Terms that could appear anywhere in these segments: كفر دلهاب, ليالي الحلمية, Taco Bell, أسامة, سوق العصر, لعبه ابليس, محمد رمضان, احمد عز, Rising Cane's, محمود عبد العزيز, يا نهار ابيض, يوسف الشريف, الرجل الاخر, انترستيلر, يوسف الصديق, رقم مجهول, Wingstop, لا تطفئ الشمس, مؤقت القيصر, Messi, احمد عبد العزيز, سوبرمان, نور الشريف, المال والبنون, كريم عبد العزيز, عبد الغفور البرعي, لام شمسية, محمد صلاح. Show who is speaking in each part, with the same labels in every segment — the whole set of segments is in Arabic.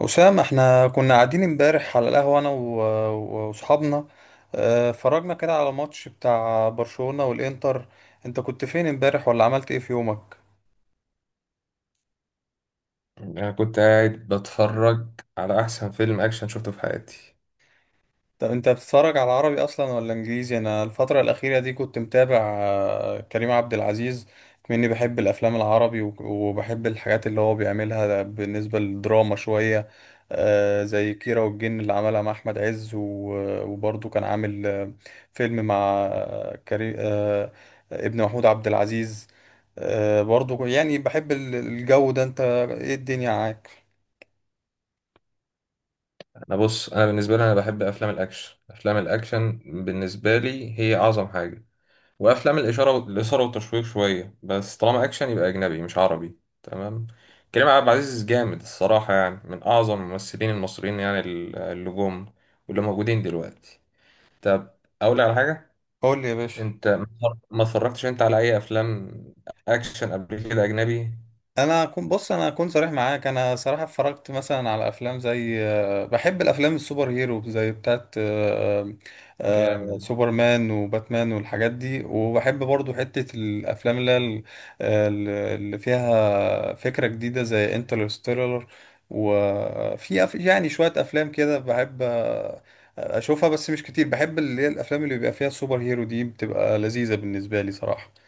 Speaker 1: أسامة، احنا كنا قاعدين امبارح على القهوة أنا وأصحابنا. اتفرجنا كده على ماتش بتاع برشلونة والإنتر. أنت كنت فين امبارح ولا عملت إيه في يومك؟
Speaker 2: انا كنت قاعد بتفرج على احسن فيلم اكشن شفته في حياتي.
Speaker 1: طب انت بتتفرج على عربي اصلا ولا انجليزي؟ انا الفتره الاخيره دي كنت متابع كريم عبد العزيز مني، بحب الافلام العربي وبحب الحاجات اللي هو بيعملها بالنسبه للدراما شويه. زي كيرة والجن اللي عملها مع احمد عز، وبرضه كان عامل فيلم مع كريم، ابن محمود عبد العزيز. برضه يعني بحب الجو ده. انت ايه الدنيا معاك؟
Speaker 2: انا، بص. انا بالنسبه لي، انا بحب افلام الاكشن، افلام الاكشن بالنسبه لي هي اعظم حاجه. وافلام الاثاره والتشويق شويه. بس طالما اكشن يبقى اجنبي مش عربي، تمام. كريم عبد العزيز جامد الصراحه يعني، من اعظم الممثلين المصريين يعني اللي جم واللي موجودين دلوقتي. طب، اقول لك على حاجه.
Speaker 1: قول لي يا باشا.
Speaker 2: انت ما اتفرجتش انت على اي افلام اكشن قبل كده اجنبي؟
Speaker 1: انا كنت بص، انا اكون صريح معاك، انا صراحه اتفرجت مثلا على افلام زي، بحب الافلام السوبر هيرو زي بتاعت
Speaker 2: جامد.
Speaker 1: سوبرمان وباتمان والحاجات دي، وبحب برضو حته الافلام اللي هي اللي فيها فكره جديده زي انترستيلر. يعني شويه افلام كده بحب اشوفها بس مش كتير. بحب اللي هي الافلام اللي بيبقى فيها السوبر هيرو دي، بتبقى لذيذه بالنسبه لي صراحه.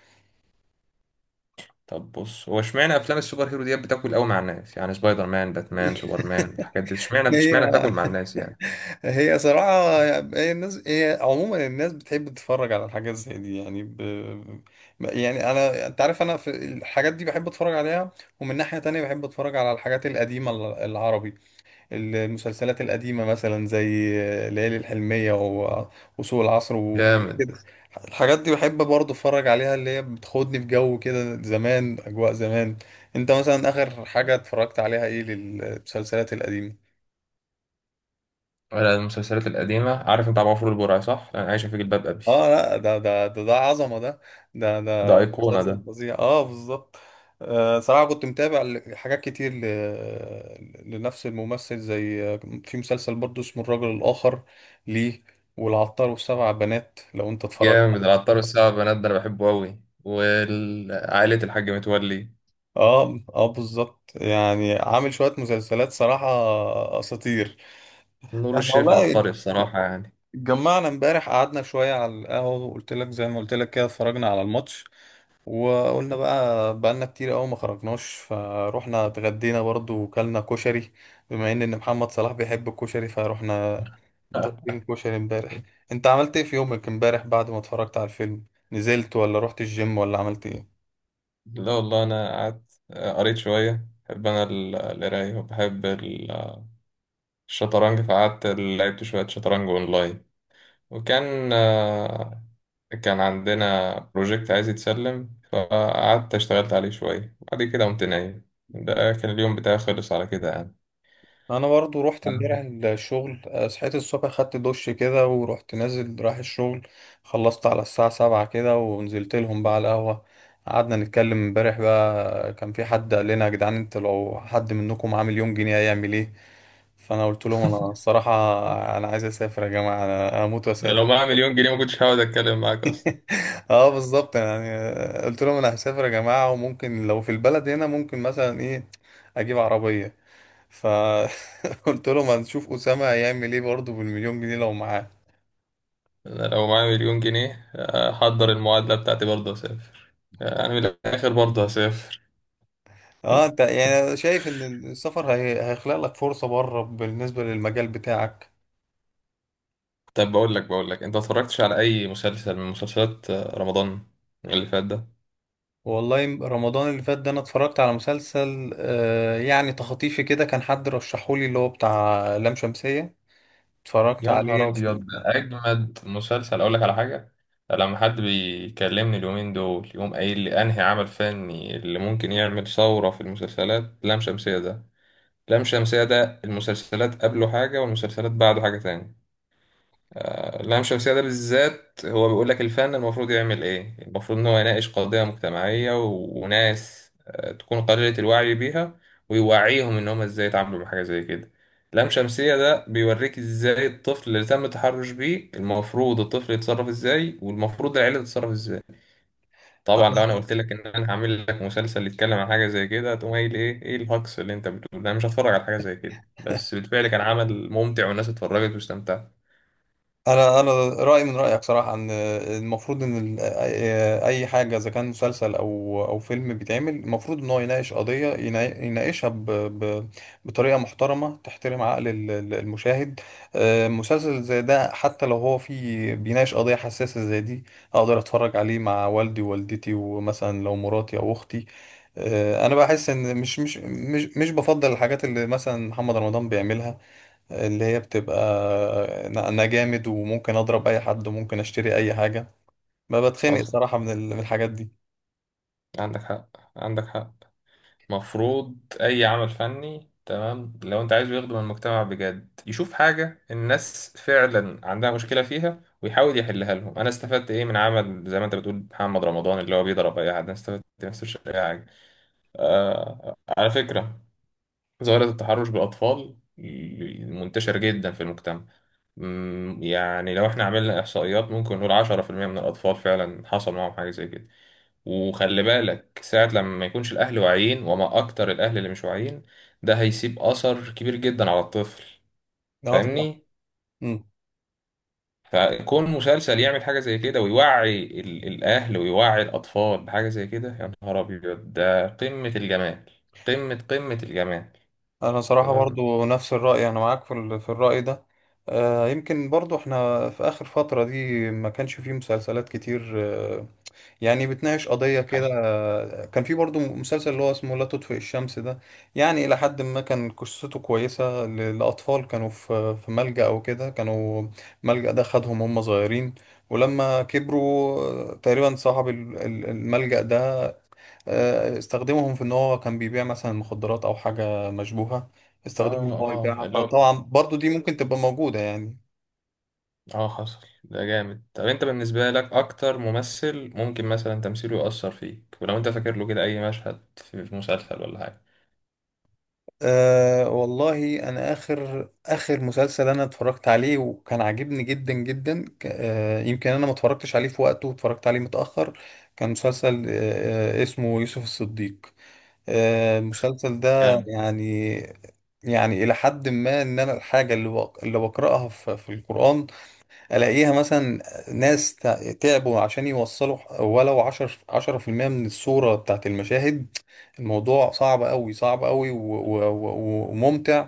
Speaker 2: طب بص، هو اشمعنى افلام السوبر هيرو ديت بتاكل قوي مع الناس يعني؟ سبايدر مان، باتمان، سوبرمان، الحاجات دي، اشمعنى بتاكل مع الناس يعني؟
Speaker 1: هي صراحة، هي الناس، هي عموما الناس بتحب تتفرج على الحاجات زي دي يعني يعني أنا، أنت عارف أنا في الحاجات دي بحب أتفرج عليها. ومن ناحية تانية بحب أتفرج على الحاجات القديمة، العربي. المسلسلات القديمة مثلا زي ليالي الحلمية وسوق العصر وحاجات
Speaker 2: جامد.
Speaker 1: كده. الحاجات دي بحب برضه أتفرج عليها، اللي هي بتاخدني في جو كده زمان، أجواء زمان. أنت مثلا آخر حاجة اتفرجت عليها إيه للمسلسلات القديمة؟
Speaker 2: ولا المسلسلات القديمة؟ عارف انت عبد الغفور البرعي صح؟ انا عايشة في جلباب ابي.
Speaker 1: اه لا، ده ده عظمه ده. ده
Speaker 2: ده
Speaker 1: ده
Speaker 2: ايقونة
Speaker 1: مسلسل
Speaker 2: ده.
Speaker 1: فظيع، اه بالظبط. آه صراحه كنت متابع حاجات كتير لنفس الممثل زي، في مسلسل برضه اسمه الرجل الاخر، ليه، والعطار والسبع بنات، لو انت اتفرجت.
Speaker 2: جامد. العطار والسبع بنات ده انا بحبه قوي، وعائلة الحاج متولي.
Speaker 1: اه اه بالظبط، يعني عامل شويه مسلسلات صراحه، اساطير.
Speaker 2: نور
Speaker 1: احنا
Speaker 2: الشريف
Speaker 1: والله
Speaker 2: عبقري بصراحة يعني.
Speaker 1: اتجمعنا امبارح، قعدنا شويه على القهوه، وقلت لك زي ما قلت لك كده، اتفرجنا على الماتش. وقلنا بقى بقالنا كتير قوي ما خرجناش، فروحنا اتغدينا برضو وكلنا كشري. بما إن محمد صلاح بيحب الكشري، فروحنا ضاربين كشري امبارح. انت عملت ايه في يومك امبارح بعد ما اتفرجت على الفيلم؟ نزلت ولا رحت الجيم ولا عملت ايه؟
Speaker 2: لا والله، انا قعدت، قريت شوية. بحب انا القراية، وبحب الشطرنج، فقعدت لعبت شوية شطرنج اونلاين. وكان آه، كان عندنا بروجكت عايز يتسلم، فقعدت اشتغلت عليه شوية. بعد كده قمت نايم. ده كان اليوم بتاعي، خلص على كده يعني.
Speaker 1: انا برضو رحت امبارح الشغل. صحيت الصبح، خدت دش كده، ورحت نازل رايح الشغل. خلصت على الساعة سبعة كده، ونزلت لهم بقى على القهوة. قعدنا نتكلم امبارح بقى. كان في حد قال لنا، يا جدعان انت لو حد منكم عامل يوم جنيه هيعمل ايه؟ فانا قلت لهم، انا الصراحه انا عايز اسافر يا جماعه، انا اموت
Speaker 2: ده لو
Speaker 1: واسافر.
Speaker 2: معايا مليون جنيه ما كنتش هقعد اتكلم معاك اصلا.
Speaker 1: اه بالظبط يعني. قلت لهم انا هسافر يا جماعه، وممكن لو في البلد هنا ممكن مثلا ايه، اجيب عربيه. فقلت لهم هنشوف اسامه هيعمل ايه برضه بالمليون جنيه لو معاه.
Speaker 2: انا لو معايا مليون جنيه احضر المعادلة بتاعتي، برضه اسافر، يعني من الاخر برضه هسافر.
Speaker 1: اه انت يعني شايف ان السفر هيخلق لك فرصه بره بالنسبه للمجال بتاعك.
Speaker 2: طب، بقول لك، انت اتفرجتش على اي مسلسل من مسلسلات رمضان اللي فات ده؟
Speaker 1: والله رمضان اللي فات ده، انا اتفرجت على مسلسل آه يعني تخطيفي كده، كان حد رشحولي اللي هو بتاع لام شمسية. اتفرجت
Speaker 2: يا نهار
Speaker 1: عليه.
Speaker 2: ابيض، ده اجمد مسلسل. اقول لك على حاجه. لما حد بيكلمني اليومين دول، يقوم قايل لي انهي عمل فني اللي ممكن يعمل ثوره في المسلسلات، لام شمسيه ده. لام شمسيه ده، المسلسلات قبله حاجه والمسلسلات بعده حاجه تاني. اللام الشمسية ده بالذات هو بيقول لك الفن المفروض يعمل ايه. المفروض ان هو يناقش قضية مجتمعية، وناس تكون قليلة الوعي بيها. ويوعيهم ان هم ازاي يتعاملوا مع حاجة زي كده. لام شمسية ده بيوريك ازاي الطفل اللي تم التحرش بيه المفروض الطفل يتصرف ازاي، والمفروض العيلة تتصرف ازاي. طبعا لو انا قلت لك ان انا هعمل لك مسلسل يتكلم عن حاجة زي كده، هتقوم قايل: ايه ايه الهجص اللي انت بتقوله ده؟ انا مش هتفرج على حاجة زي كده. بس بالفعل كان عمل ممتع، والناس اتفرجت واستمتعت.
Speaker 1: انا رايي من رايك صراحه، ان المفروض ان ال- اي أي حاجه اذا كان مسلسل او فيلم بيتعمل، المفروض ان هو يناقش قضيه، يناقشها بطريقه محترمه تحترم عقل المشاهد. مسلسل زي ده حتى لو هو فيه بيناقش قضيه حساسه زي دي، اقدر اتفرج عليه مع والدي ووالدتي، ومثلا لو مراتي او اختي. انا بحس ان مش بفضل الحاجات اللي مثلا محمد رمضان بيعملها، اللي هي بتبقى، أنا جامد وممكن اضرب اي حد وممكن اشتري اي حاجه. ما بتخنق
Speaker 2: حصل.
Speaker 1: صراحه من من الحاجات دي.
Speaker 2: عندك حق، عندك حق. مفروض أي عمل فني، تمام، لو أنت عايزه يخدم المجتمع بجد، يشوف حاجة الناس فعلا عندها مشكلة فيها ويحاول يحلها لهم. أنا استفدت إيه من عمل زي ما أنت بتقول محمد رمضان اللي هو بيضرب أي حد؟ أنا استفدت، ما استفدتش أي حاجة. آه، على فكرة، ظاهرة التحرش بالأطفال منتشر جدا في المجتمع. يعني لو احنا عملنا إحصائيات ممكن نقول 10% من الأطفال فعلا حصل معاهم حاجة زي كده. وخلي بالك ساعة لما ما يكونش الأهل واعيين، وما أكتر الأهل اللي مش واعيين. ده هيسيب أثر كبير جدا على الطفل.
Speaker 1: اه طبعا.
Speaker 2: فاهمني؟
Speaker 1: امم.
Speaker 2: فكون مسلسل يعمل حاجة زي كده ويوعي الأهل ويوعي الأطفال بحاجة زي كده، يا نهار أبيض. ده قمة الجمال. قمة الجمال.
Speaker 1: انا صراحه
Speaker 2: تمام.
Speaker 1: برضو نفس الراي، انا معاك في في الراي ده. آه يمكن برضو احنا في اخر فتره دي ما كانش فيه مسلسلات كتير يعني بتناقش قضية كده.
Speaker 2: حصل.
Speaker 1: كان في برضو مسلسل اللي هو اسمه لا تطفئ الشمس ده، يعني إلى حد ما كان قصته كويسة، لأطفال كانوا في ملجأ أو كده، كانوا ملجأ ده خدهم هم صغيرين. ولما كبروا تقريبا صاحب الملجأ ده استخدمهم في إن هو كان بيبيع مثلا مخدرات أو حاجة مشبوهة،
Speaker 2: آه،
Speaker 1: استخدمهم إن هو يبيعها.
Speaker 2: آه، اللي هو
Speaker 1: فطبعا برضو دي ممكن تبقى موجودة يعني.
Speaker 2: حصل، ده جامد. طب، أنت بالنسبة لك أكتر ممثل ممكن مثلا تمثيله يأثر فيك، ولو أنت فاكر له كده أي مشهد في مسلسل ولا حاجة؟
Speaker 1: أه والله انا اخر مسلسل انا اتفرجت عليه وكان عاجبني جدا جدا، أه يمكن انا ما اتفرجتش عليه في وقته واتفرجت عليه متأخر. كان مسلسل أه آه، اسمه يوسف الصديق. أه المسلسل ده
Speaker 2: جامد.
Speaker 1: يعني، يعني الى حد ما، ان انا الحاجة اللي بقرأها في القرآن، الاقيها مثلا ناس تعبوا عشان يوصلوا ولو 10% من الصورة بتاعت المشاهد. الموضوع صعب قوي، صعب قوي وممتع.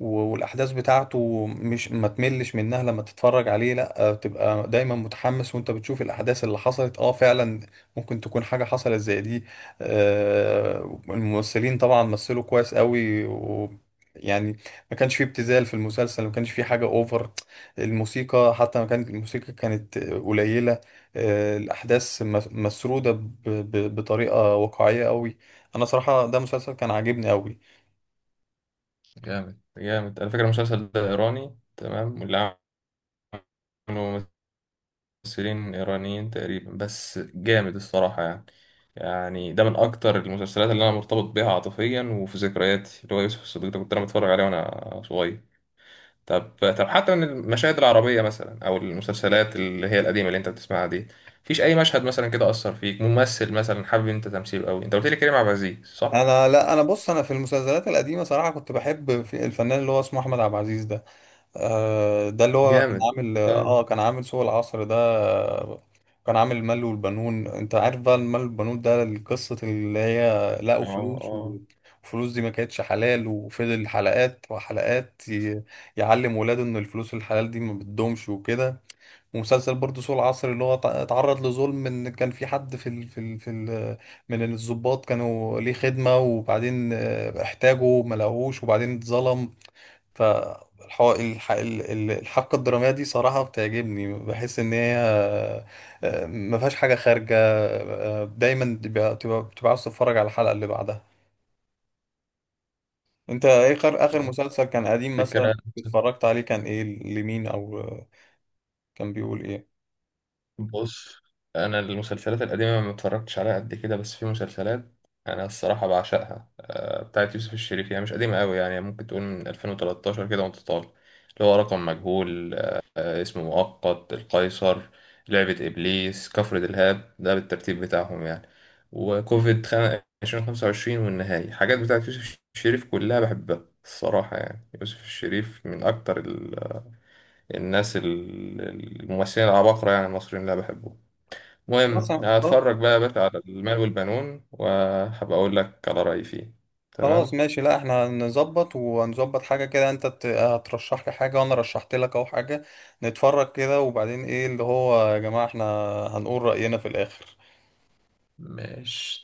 Speaker 1: و- والاحداث بتاعته مش ما تملش منها لما تتفرج عليه، لا، بتبقى دايما متحمس وانت بتشوف الاحداث اللي حصلت اه فعلا ممكن تكون حاجه حصلت زي دي. الممثلين طبعا مثلوا كويس قوي و، يعني ما كانش فيه ابتذال في المسلسل، ما كانش فيه حاجه اوفر. الموسيقى حتى، ما كانت، الموسيقى كانت قليله. الاحداث مسروده بطريقه واقعيه قوي. انا صراحه ده مسلسل كان عاجبني قوي.
Speaker 2: جامد، جامد على فكرة. المسلسل ده إيراني، تمام، واللي عملوا ممثلين إيرانيين تقريبا، بس جامد الصراحة يعني. يعني ده من أكتر المسلسلات اللي أنا مرتبط بيها عاطفيا وفي ذكرياتي، اللي هو يوسف الصديق ده، كنت أنا بتفرج عليه وأنا صغير. طب، حتى من المشاهد العربية مثلا أو المسلسلات اللي هي القديمة اللي أنت بتسمعها دي، مفيش أي مشهد مثلا كده أثر فيك؟ ممثل مثلا حابب أنت تمثيله أوي، أنت قلت لي كريم عبد العزيز صح؟
Speaker 1: انا لا، انا بص، انا في المسلسلات القديمه صراحه كنت بحب في الفنان اللي هو اسمه احمد عبد العزيز ده. ده اللي هو كان
Speaker 2: جامد.
Speaker 1: عامل
Speaker 2: اه،
Speaker 1: اه كان عامل سوق العصر ده. كان عامل المال والبنون، انت عارف بقى المال والبنون ده القصه اللي هي لقوا
Speaker 2: اه،
Speaker 1: فلوس،
Speaker 2: اه.
Speaker 1: وفلوس دي ما كانتش حلال، وفضل حلقات وحلقات يعلم ولاده ان الفلوس الحلال دي ما بتدومش وكده. ومسلسل برضه سوق العصر اللي هو اتعرض لظلم، ان كان في حد في ال من الضباط كانوا ليه خدمة، وبعدين احتاجه ما لقوهوش، وبعدين اتظلم. ف الحبكة الدرامية دي صراحة بتعجبني، بحس ان هي ما فيهاش حاجة خارجة. دايما بتبقى عاوز تتفرج على الحلقة اللي بعدها. انت ايه آخر
Speaker 2: تمام.
Speaker 1: مسلسل كان قديم مثلا
Speaker 2: فكرة.
Speaker 1: اتفرجت عليه؟ كان ايه؟ لمين؟ او آه، كان بيقول ايه؟
Speaker 2: بص، انا المسلسلات القديمه ما اتفرجتش عليها قد كده، بس في مسلسلات انا الصراحه بعشقها. بتاعت يوسف الشريف، هي مش قديمه قوي يعني، ممكن تقول من 2013 كده وانت طالع. اللي هو رقم مجهول، اسمه مؤقت، القيصر، لعبه ابليس، كفر دلهاب، ده بالترتيب بتاعهم يعني. وكوفيد 2025، والنهايه، حاجات بتاعت يوسف الشريف كلها بحبها الصراحه يعني. يوسف الشريف من اكتر الناس، الممثلين العباقره، يعني المصريين اللي أنا بحبهم. المهم،
Speaker 1: خلاص،
Speaker 2: هتفرج بقى يا باشا على المال والبنون، وهبقى اقول لك على رأيي فيه.
Speaker 1: خلاص
Speaker 2: تمام.
Speaker 1: ماشي. لا احنا هنظبط وهنظبط حاجة كده. انت هترشح لي حاجة، وانا رشحت لك اهو حاجة. نتفرج كده، وبعدين ايه اللي هو، يا جماعة احنا هنقول رأينا في الاخر.
Speaker 2: ماشي.